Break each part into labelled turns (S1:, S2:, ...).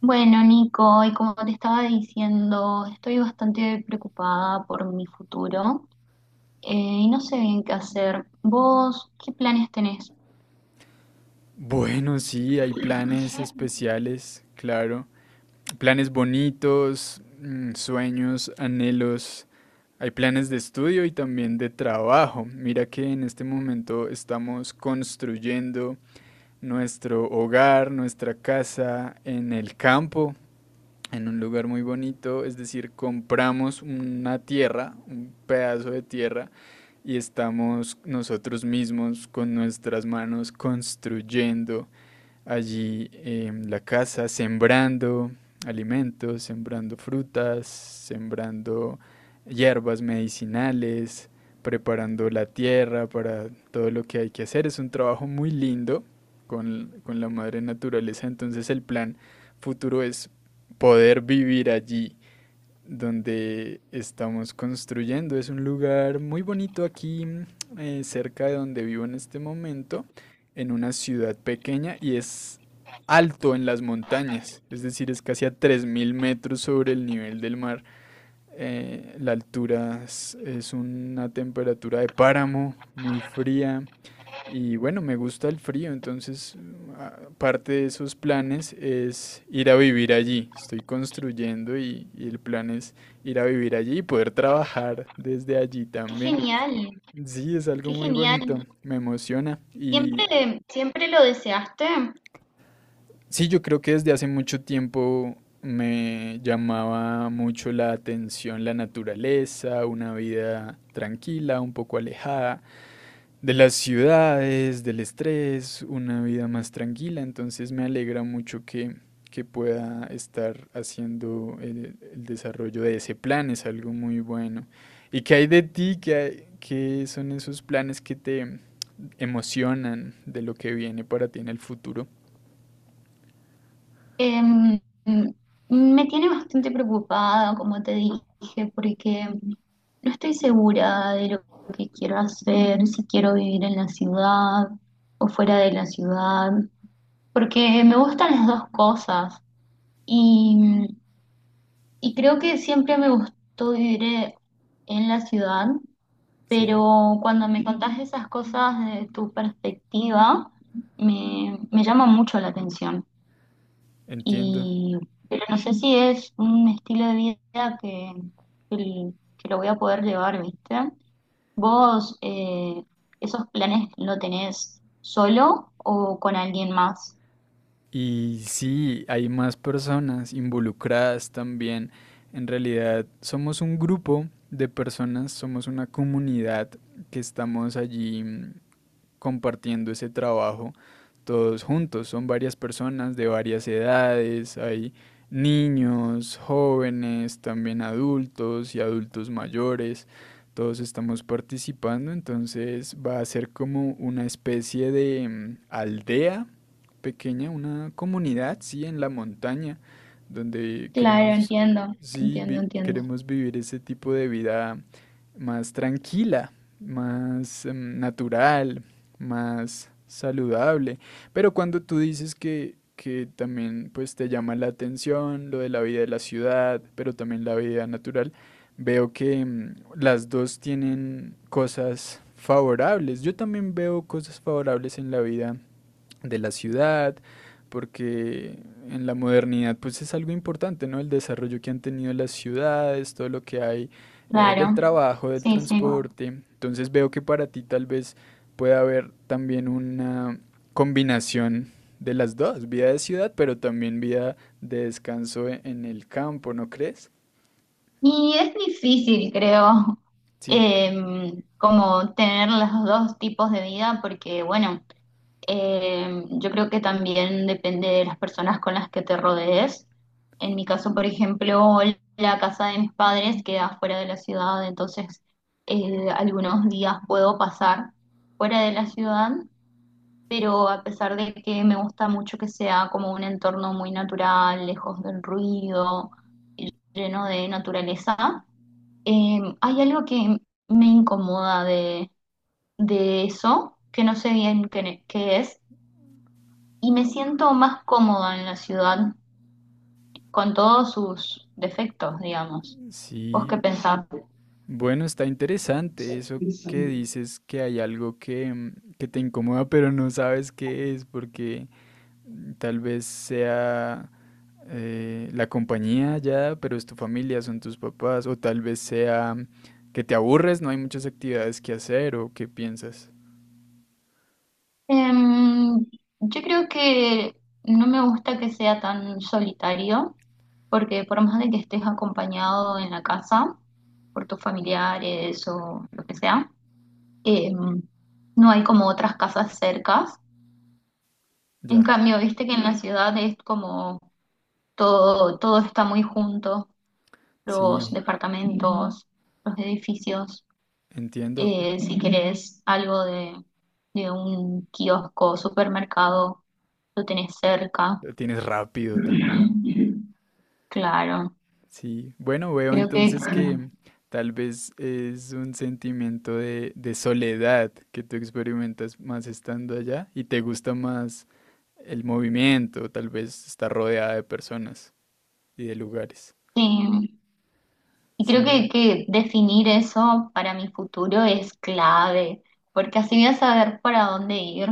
S1: Bueno, Nico, y como te estaba diciendo, estoy bastante preocupada por mi futuro eh, y no sé bien qué hacer. ¿Vos qué planes tenés?
S2: Bueno, sí, hay planes especiales, claro. Planes bonitos, sueños, anhelos. Hay planes de estudio y también de trabajo. Mira que en este momento estamos construyendo nuestro hogar, nuestra casa en el campo, en un lugar muy bonito. Es decir, compramos una tierra, un pedazo de tierra, y estamos nosotros mismos con nuestras manos construyendo allí en la casa sembrando alimentos, sembrando frutas, sembrando hierbas medicinales, preparando la tierra para todo lo que hay que hacer. Es un trabajo muy lindo con la madre naturaleza, entonces el plan futuro es poder vivir allí donde estamos construyendo. Es un lugar muy bonito aquí, cerca de donde vivo en este momento, en una ciudad pequeña y es alto en las montañas, es decir, es casi a 3000 metros sobre el nivel del mar. La altura es una temperatura de páramo muy fría y bueno, me gusta el frío, entonces parte de esos planes es ir a vivir allí. Estoy construyendo y el plan es ir a vivir allí y poder trabajar desde allí
S1: Qué
S2: también.
S1: genial,
S2: Sí, es algo
S1: qué
S2: muy bonito,
S1: genial.
S2: me emociona. Y
S1: ¿Siempre, siempre lo deseaste?
S2: sí, yo creo que desde hace mucho tiempo me llamaba mucho la atención la naturaleza, una vida tranquila, un poco alejada, de las ciudades, del estrés, una vida más tranquila. Entonces me alegra mucho que pueda estar haciendo el desarrollo de ese plan. Es algo muy bueno. ¿Y qué hay de ti? ¿Qué son esos planes que te emocionan de lo que viene para ti en el futuro?
S1: Em, Me tiene bastante preocupada, como te dije, porque no estoy segura de lo que quiero hacer, si quiero vivir en la ciudad o fuera de la ciudad, porque me gustan las dos cosas y, y creo que siempre me gustó vivir en la ciudad,
S2: Sí,
S1: pero cuando me contás esas cosas de tu perspectiva, me llama mucho la atención.
S2: entiendo.
S1: Y pero no sé si es un estilo de vida que, que lo voy a poder llevar, ¿viste? ¿Vos esos planes lo tenés solo o con alguien más?
S2: Y sí, hay más personas involucradas también. En realidad somos un grupo de personas, somos una comunidad que estamos allí compartiendo ese trabajo todos juntos. Son varias personas de varias edades, hay niños, jóvenes, también adultos y adultos mayores. Todos estamos participando, entonces va a ser como una especie de aldea pequeña, una comunidad, sí, en la montaña, donde
S1: Claro,
S2: queremos,
S1: entiendo,
S2: sí,
S1: entiendo, entiendo.
S2: queremos vivir ese tipo de vida más tranquila, más natural, más saludable. Pero cuando tú dices que también pues te llama la atención lo de la vida de la ciudad, pero también la vida natural, veo que las dos tienen cosas favorables. Yo también veo cosas favorables en la vida de la ciudad, porque en la modernidad pues es algo importante, ¿no? El desarrollo que han tenido las ciudades, todo lo que hay del
S1: Claro,
S2: trabajo, del
S1: sí, sí.
S2: transporte. Entonces veo que para ti tal vez pueda haber también una combinación de las dos, vida de ciudad, pero también vida de descanso en el campo, ¿no crees?
S1: Y es difícil, creo,
S2: Sí,
S1: como tener los dos tipos de vida, porque bueno, yo creo que también depende de las personas con las que te rodees. En mi caso, por ejemplo, la casa de mis padres queda fuera de la ciudad, entonces algunos días puedo pasar fuera de la ciudad, pero a pesar de que me gusta mucho que sea como un entorno muy natural, lejos del ruido y lleno de naturaleza, hay algo que me incomoda de eso, que no sé bien qué, qué es, y me siento más cómoda en la ciudad con todos sus defectos, digamos. ¿Vos
S2: sí.
S1: qué pensás?
S2: Bueno, está interesante eso que dices que hay algo que te incomoda, pero no sabes qué es, porque tal vez sea la compañía ya, pero es tu familia, son tus papás, o tal vez sea que te aburres, no hay muchas actividades que hacer, o qué piensas.
S1: Em, yo creo que no me gusta que sea tan solitario, porque por más de que estés acompañado en la casa, por tus familiares o lo que sea, em, no hay como otras casas cercas. En
S2: Ya,
S1: cambio, viste que en la ciudad es como todo, todo está muy junto, los
S2: sí,
S1: departamentos, los edificios.
S2: entiendo.
S1: Si querés algo de un kiosco, supermercado, lo tenés cerca.
S2: Lo tienes rápido también.
S1: Claro,
S2: Sí, bueno, veo
S1: creo que
S2: entonces que tal vez es un sentimiento de soledad que tú experimentas más estando allá y te gusta más el movimiento, tal vez estar rodeada de personas y de lugares.
S1: sí. Y creo
S2: Sí.
S1: que definir eso para mi futuro es clave, porque así voy a saber para dónde ir.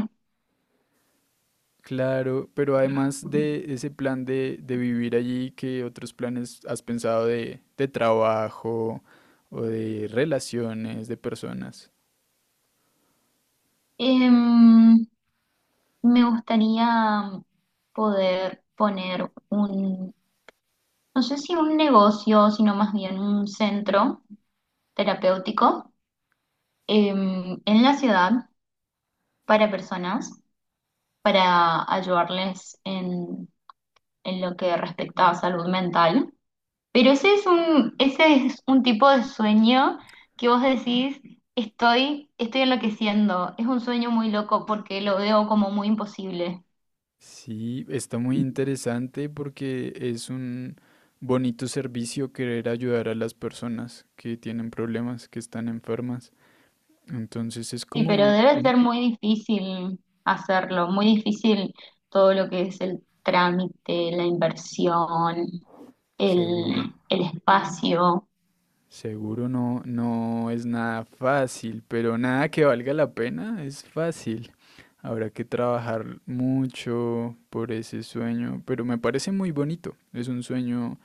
S2: Claro, pero además de ese plan de vivir allí, ¿qué otros planes has pensado de trabajo o de relaciones de personas?
S1: Em, Me gustaría poder poner un, no sé si un negocio, sino más bien un centro terapéutico en la ciudad para personas, para ayudarles en lo que respecta a salud mental. Pero ese es un tipo de sueño que vos decís, estoy enloqueciendo. Es un sueño muy loco porque lo veo como muy imposible.
S2: Sí, está muy interesante porque es un bonito servicio querer ayudar a las personas que tienen problemas, que están enfermas. Entonces es
S1: Sí, pero
S2: como
S1: debe
S2: un.
S1: ser muy difícil hacerlo, muy difícil todo lo que es el trámite, la inversión,
S2: Seguro,
S1: el espacio.
S2: seguro no es nada fácil, pero nada que valga la pena es fácil. Habrá que trabajar mucho por ese sueño, pero me parece muy bonito. Es un sueño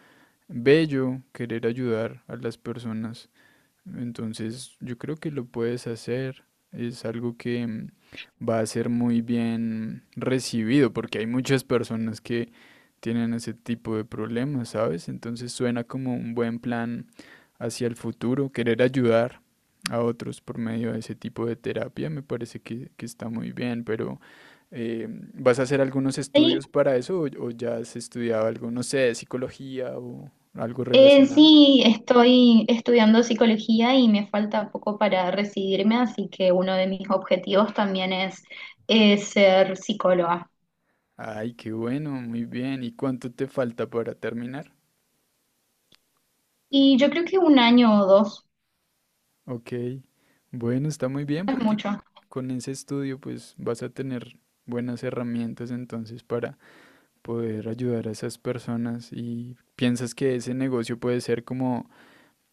S2: bello querer ayudar a las personas. Entonces yo creo que lo puedes hacer. Es algo que va a ser muy bien recibido porque hay muchas personas que tienen ese tipo de problemas, ¿sabes? Entonces suena como un buen plan hacia el futuro, querer ayudar a otros por medio de ese tipo de terapia me parece que está muy bien, pero. Eh, ¿vas a hacer algunos
S1: Hay,
S2: estudios para eso o ya has estudiado algo, no sé, psicología o algo
S1: eh,
S2: relacionado?
S1: sí, estoy estudiando psicología y me falta poco para recibirme, así que uno de mis objetivos también es, ser psicóloga.
S2: Ay, qué bueno, muy bien. ¿Y cuánto te falta para terminar?
S1: Y yo creo que un año o dos
S2: Ok, bueno, está muy bien
S1: no es
S2: porque
S1: mucho.
S2: con ese estudio pues vas a tener buenas herramientas entonces para poder ayudar a esas personas y piensas que ese negocio puede ser como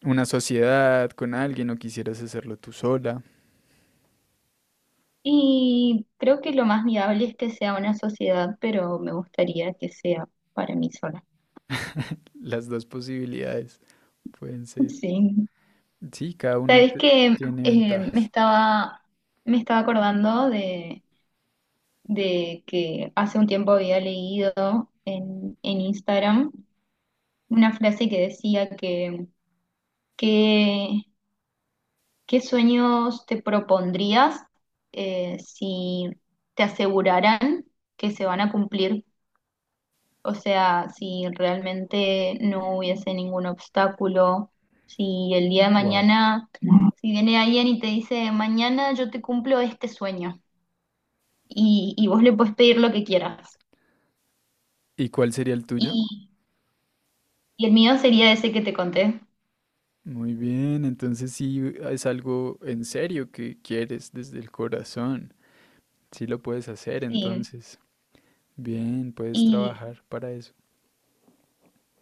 S2: una sociedad con alguien o quisieras hacerlo tú sola.
S1: Y creo que lo más viable es que sea una sociedad, pero me gustaría que sea para mí sola.
S2: Las dos posibilidades pueden ser.
S1: Sí.
S2: Sí, cada una
S1: Sabes que
S2: tiene
S1: eh, me
S2: ventajas.
S1: estaba, me estaba acordando de que hace un tiempo había leído en Instagram, una frase que decía que- ¿qué sueños te propondrías si te aseguraran que se van a cumplir? O sea, si realmente no hubiese ningún obstáculo, si el día de
S2: Wow.
S1: mañana, si viene alguien y te dice, mañana yo te cumplo este sueño y vos le puedes pedir lo que quieras.
S2: ¿Y cuál sería el tuyo?
S1: Y, y el mío sería ese que te conté.
S2: Muy bien, entonces sí es algo en serio que quieres desde el corazón. Sí lo puedes hacer,
S1: Sí.
S2: entonces. Bien, puedes
S1: Y,
S2: trabajar para eso.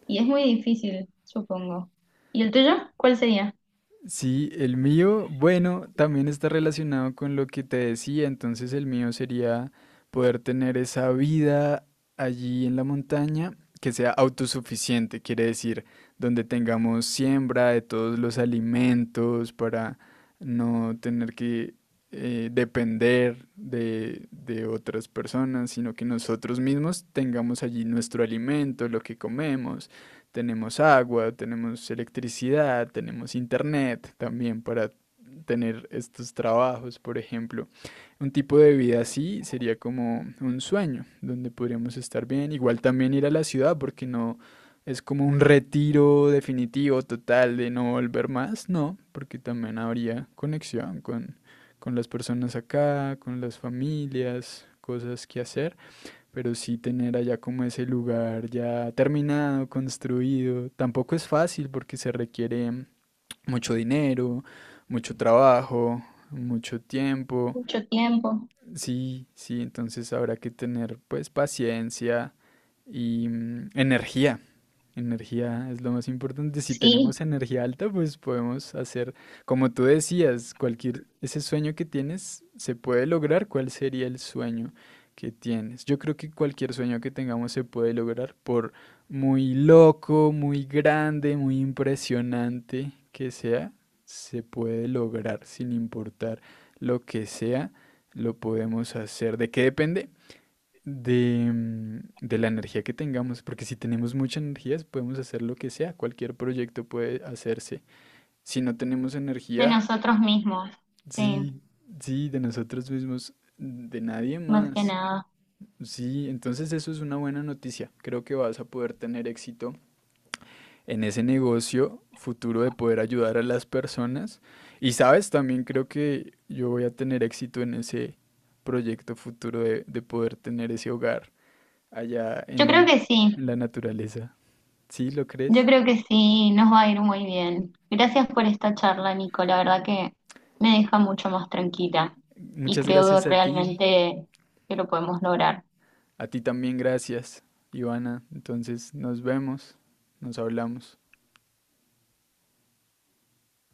S1: y es muy difícil, supongo. ¿Y el tuyo? ¿Cuál sería?
S2: Sí, el mío, bueno, también está relacionado con lo que te decía, entonces el mío sería poder tener esa vida allí en la montaña que sea autosuficiente, quiere decir, donde tengamos siembra de todos los alimentos para no tener que depender de otras personas, sino que nosotros mismos tengamos allí nuestro alimento. Lo que Comemos, tenemos agua, tenemos electricidad, tenemos internet también para tener estos trabajos, por ejemplo. Un tipo de vida así sería como un sueño, donde podríamos estar bien. Igual también ir a la ciudad, porque no es como un retiro definitivo, total, de no volver más, no, porque también habría conexión con las personas acá, con las familias, cosas que hacer, pero sí tener allá como ese lugar ya terminado, construido. Tampoco es fácil porque se requiere mucho dinero, mucho trabajo, mucho tiempo.
S1: Mucho tiempo.
S2: Sí, sí, entonces habrá que tener pues paciencia y energía. Energía es lo más importante. Si
S1: Sí,
S2: tenemos energía alta, pues podemos hacer, como tú decías, cualquier, ese sueño que tienes se puede lograr. ¿Cuál sería el sueño que tienes? Yo creo que cualquier sueño que tengamos se puede lograr, por muy loco, muy grande, muy impresionante que sea, se puede lograr sin importar lo que sea, lo podemos hacer. ¿De qué depende? De la energía que tengamos, porque si tenemos mucha energía podemos hacer lo que sea, cualquier proyecto puede hacerse. Si no tenemos
S1: de
S2: energía,
S1: nosotros mismos. Sí,
S2: sí, sí, de nosotros mismos, de nadie
S1: más que
S2: más.
S1: nada.
S2: Sí, entonces eso es una buena noticia. Creo que vas a poder tener éxito en ese negocio futuro de poder ayudar a las personas. Y sabes, también creo que yo voy a tener éxito en ese proyecto futuro de poder tener ese hogar allá
S1: Yo creo
S2: en,
S1: que sí.
S2: en la naturaleza. ¿Sí lo
S1: Yo
S2: crees?
S1: creo que sí, nos va a ir muy bien. Gracias por esta charla, Nico. La verdad que me deja mucho más tranquila y
S2: Muchas
S1: creo
S2: gracias
S1: que
S2: a ti.
S1: realmente que lo podemos lograr.
S2: A ti también gracias, Ivana. Entonces nos vemos, nos hablamos.